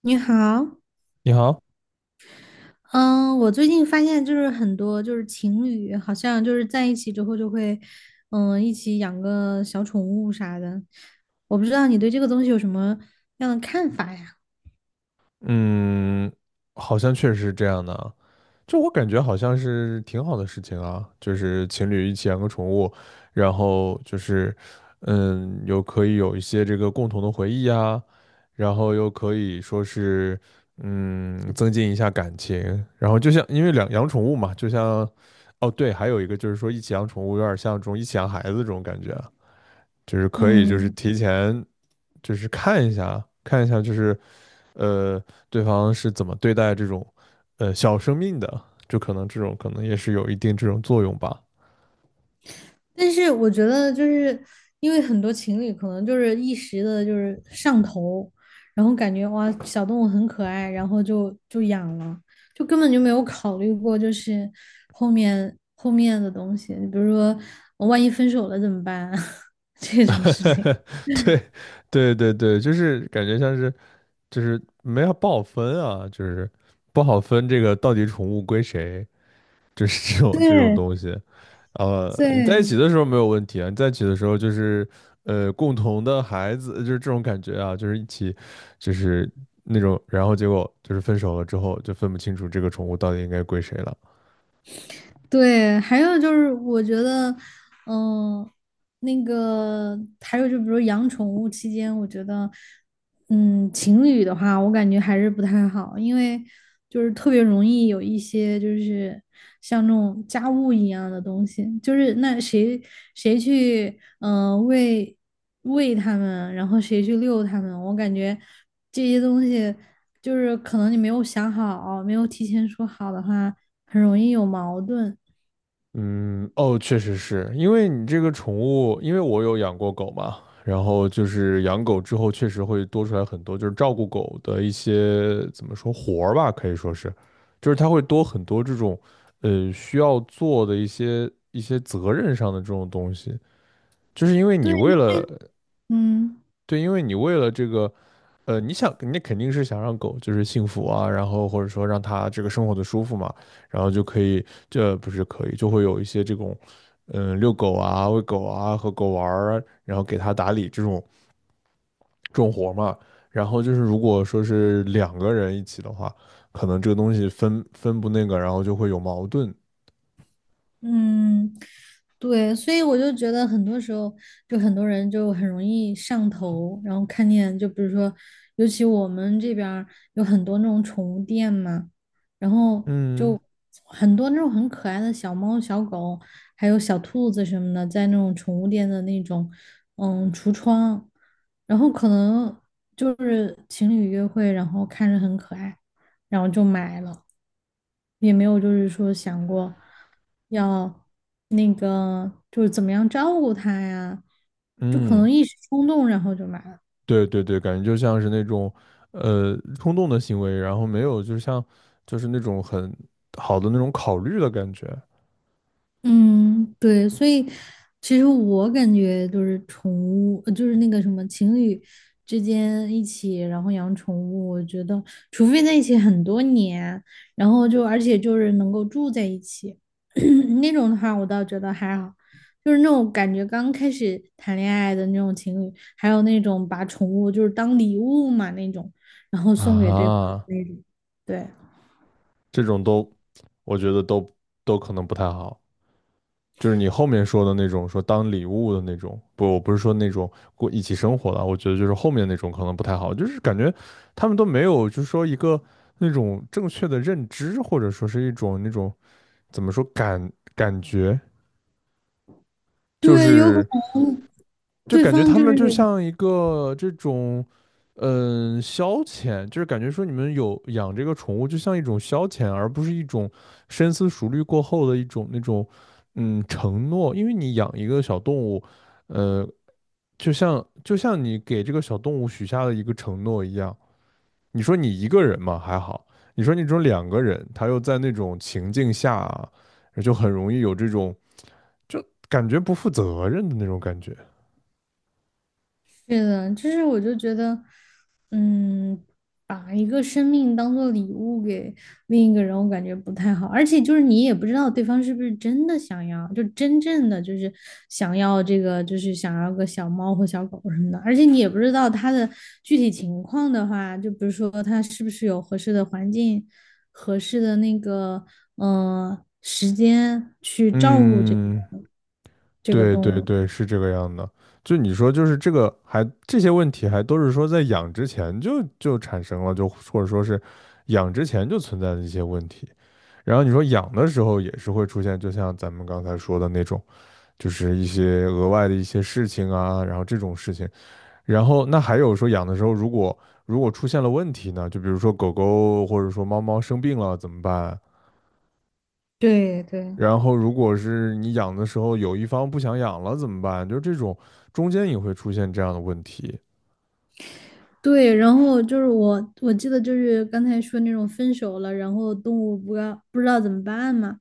你好，你好。嗯，我最近发现就是很多就是情侣好像就是在一起之后就会，一起养个小宠物啥的。我不知道你对这个东西有什么样的看法呀？嗯，好像确实是这样的啊。就我感觉好像是挺好的事情啊，就是情侣一起养个宠物，然后就是，又可以有一些这个共同的回忆呀，然后又可以说是，增进一下感情。然后就像因为两养宠物嘛，就像，哦对，还有一个就是说一起养宠物有点像这种一起养孩子这种感觉啊，就是可以就是嗯，提前就是看一下看一下就是。呃，对方是怎么对待这种小生命的，就可能这种可能也是有一定这种作用吧。但是我觉得，就是因为很多情侣可能就是一时的，就是上头，然后感觉哇，小动物很可爱，然后就养了，就根本就没有考虑过，就是后面的东西，比如说万一分手了怎么办啊 这种事情。对，对对对，就是感觉像是就是没有不好分啊，就是不好分这个到底宠物归谁，就是 这种对东西。你在一对，起的时候没有问题啊，你在一起的时候就是共同的孩子，就是这种感觉啊，就是一起就是那种，然后结果就是分手了之后就分不清楚这个宠物到底应该归谁了。对，还有就是我觉得，嗯、那个还有就比如养宠物期间，我觉得，情侣的话，我感觉还是不太好，因为就是特别容易有一些就是像那种家务一样的东西，就是那谁去，喂它们，然后谁去遛它们，我感觉这些东西就是可能你没有想好，没有提前说好的话，很容易有矛盾。嗯，哦，确实是因为你这个宠物，因为我有养过狗嘛，然后就是养狗之后，确实会多出来很多，就是照顾狗的一些怎么说活儿吧，可以说是，就是它会多很多这种，需要做的一些责任上的这种东西。就是因为对，你为了嗯对，因为你为了这个，你想，你肯定是想让狗就是幸福啊，然后或者说让它这个生活的舒服嘛，然后就可以，这不是可以，就会有一些这种，遛狗啊、喂狗啊、和狗玩儿，然后给它打理这种重活儿嘛。然后就是如果说是两个人一起的话，可能这个东西分不那个，然后就会有矛盾。嗯，对，所以我就觉得很多时候，就很多人就很容易上头，然后看见，就比如说，尤其我们这边儿有很多那种宠物店嘛，然后嗯就很多那种很可爱的小猫、小狗，还有小兔子什么的，在那种宠物店的那种橱窗，然后可能就是情侣约会，然后看着很可爱。然后就买了，也没有就是说想过要那个就是怎么样照顾他呀，就可嗯。能一时冲动，然后就买了。对对对，感觉就像是那种，冲动的行为，然后没有，就像就是那种很好的那种考虑的感觉嗯，对，所以其实我感觉就是宠物，就是那个什么情侣之间一起，然后养宠物，我觉得除非在一起很多年，然后就而且就是能够住在一起 那种的话，我倒觉得还好。就是那种感觉刚开始谈恋爱的那种情侣，还有那种把宠物就是当礼物嘛那种，然后送给对方啊。的那种，对。这种都，我觉得都可能不太好。就是你后面说的那种，说当礼物的那种，不，我不是说那种过一起生活的，我觉得就是后面那种可能不太好，就是感觉他们都没有，就是说一个那种正确的认知，或者说是一种那种怎么说感觉，就对，有可是。能就对感觉方他就们就是像一个这种，消遣，就是感觉说你们有养这个宠物，就像一种消遣，而不是一种深思熟虑过后的一种那种，承诺。因为你养一个小动物，呃，就像你给这个小动物许下的一个承诺一样。你说你一个人嘛还好，你说你这种两个人，他又在那种情境下啊，就很容易有这种就感觉不负责任的那种感觉。是的，就是我就觉得，嗯，把一个生命当做礼物给另一个人，我感觉不太好。而且就是你也不知道对方是不是真的想要，就真正的就是想要这个，就是想要个小猫或小狗什么的。而且你也不知道他的具体情况的话，就比如说他是不是有合适的环境、合适的那个时间去照顾这个嗯。这个对动对物。对，是这个样的。就你说，就是这个还这些问题还都是说在养之前就产生了，就或者说是养之前就存在的一些问题。然后你说养的时候也是会出现，就像咱们刚才说的那种，就是一些额外的一些事情啊，然后这种事情。然后那还有说养的时候，如果出现了问题呢，就比如说狗狗或者说猫猫生病了怎么办？对对。然后，如果是你养的时候有一方不想养了怎么办？就是这种中间也会出现这样的问题。对，然后就是我记得就是刚才说那种分手了，然后动物不知道怎么办嘛，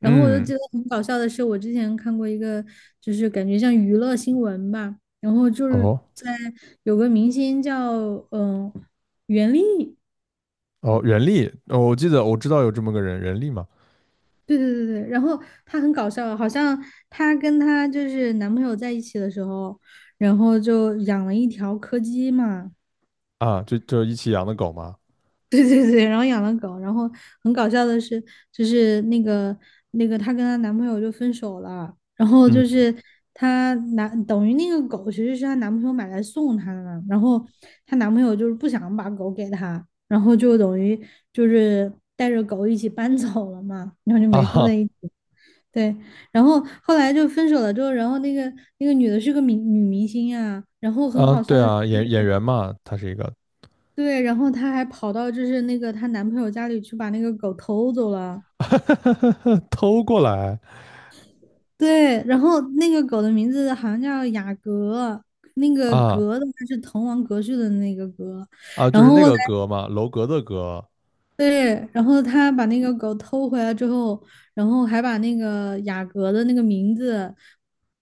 然后我就嗯，记得很搞笑的是，我之前看过一个，就是感觉像娱乐新闻吧，然后就是哦在有个明星叫嗯、袁立，哦，人力。哦，我记得我知道有这么个人，人力嘛。对对对对，然后她很搞笑，好像她跟她就是男朋友在一起的时候，然后就养了一条柯基嘛，啊，就一起养的狗嘛。对对对，然后养了狗，然后很搞笑的是，就是那个她跟她男朋友就分手了，然后嗯，就是等于那个狗其实是她男朋友买来送她的嘛，然后她男朋友就是不想把狗给她，然后就等于就是带着狗一起搬走了嘛，然后就啊没住在哈。一起。对，然后后来就分手了之后，然后那个女的是个女明星呀，然后很啊，好笑对的是，啊，就演是员嘛，他是一个 对，然后她还跑到就是那个她男朋友家里去把那个狗偷走了。偷过来。对，然后那个狗的名字好像叫雅阁，那个啊阁的话是滕王阁序的那个阁。啊，就然是后那后来个格嘛，楼阁的阁。对，然后她把那个狗偷回来之后，然后还把那个雅阁的那个名字，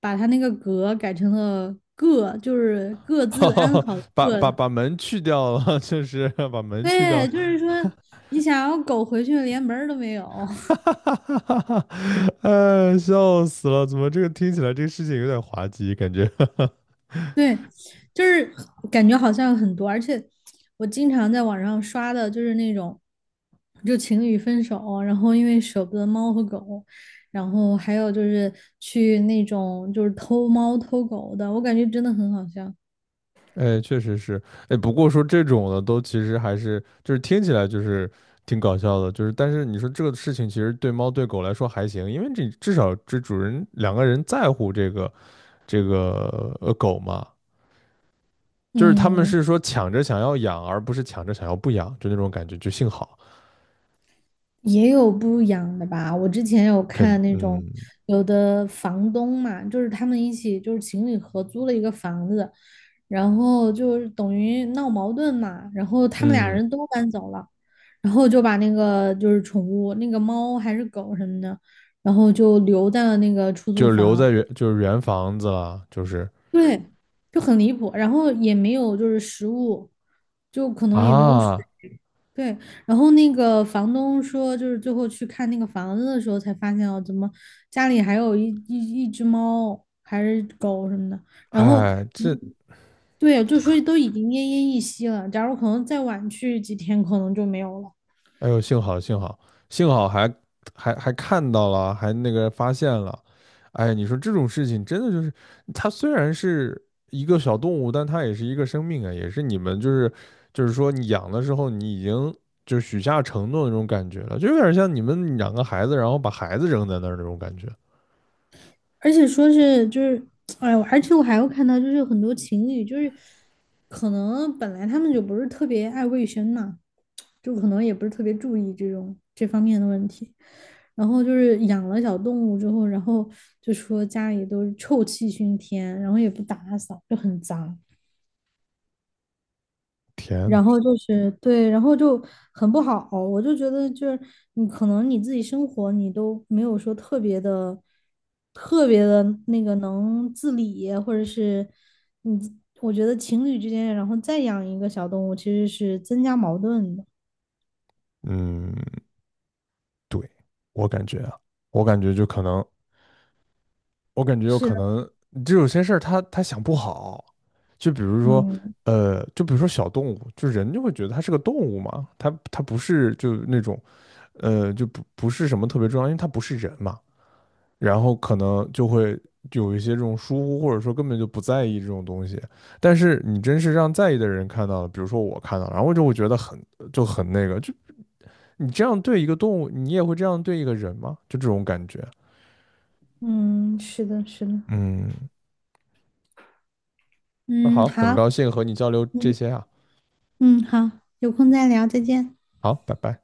把她那个阁改成了个，就是各自安好的 把把各。把门去掉了，就是把门去掉。对，就是说你想要狗回去连门儿都没有。哈，哎，笑死了！怎么这个听起来这个事情有点滑稽，感觉。对，就是感觉好像很多，而且我经常在网上刷的就是那种，就情侣分手，然后因为舍不得猫和狗，然后还有就是去那种就是偷猫偷狗的，我感觉真的很好笑。哎，确实是。哎，不过说这种的都其实还是就是听起来就是挺搞笑的，就是但是你说这个事情其实对猫对狗来说还行，因为这至少这主人两个人在乎这个狗嘛。就是他们嗯，是说抢着想要养，而不是抢着想要不养，就那种感觉，就幸好也有不养的吧？我之前有看那种嗯有的房东嘛，就是他们一起就是情侣合租了一个房子，然后就是等于闹矛盾嘛，然后他们俩嗯。人都搬走了，然后就把那个就是宠物那个猫还是狗什么的，然后就留在了那个出租就留在房，原就是原房子了，就是。对，就很离谱，然后也没有就是食物，就可能也没有水啊，对，然后那个房东说，就是最后去看那个房子的时候，才发现哦，怎么家里还有一只猫还是狗什么的。然后，哎，嗯这，对，就说都已经奄奄一息了。假如可能再晚去几天，可能就没有了。哎呦，幸好幸好幸好还看到了，还那个发现了。哎，你说这种事情真的就是，它虽然是一个小动物，但它也是一个生命啊，也是你们就是说你养的时候，你已经就是许下承诺的那种感觉了，就有点像你们养个孩子，然后把孩子扔在那儿那种感觉。而且说是就是，哎，我而且我还有看到，就是很多情侣，就是可能本来他们就不是特别爱卫生嘛，就可能也不是特别注意这种这方面的问题，然后就是养了小动物之后，然后就说家里都是臭气熏天，然后也不打扫，就很脏。天呐。然后就是对，然后就很不好，我就觉得就是你可能你自己生活你都没有说特别的、特别的那个能自理，或者是你自，我觉得情侣之间，然后再养一个小动物其实是增加矛盾的。嗯，对，我感觉啊，我感觉就可能，我感觉有是可的，能，就有些事儿他想不好。就比如说，嗯小动物，就人就会觉得它是个动物嘛，它不是就那种，就不是什么特别重要，因为它不是人嘛，然后可能就会有一些这种疏忽，或者说根本就不在意这种东西。但是你真是让在意的人看到了，比如说我看到了，然后就会觉得就很那个，就你这样对一个动物，你也会这样对一个人吗？就这种感觉。嗯，是的，是的，嗯，那嗯，好，很好，高兴和你交流这嗯些啊。嗯，好，有空再聊，再见。好，拜拜。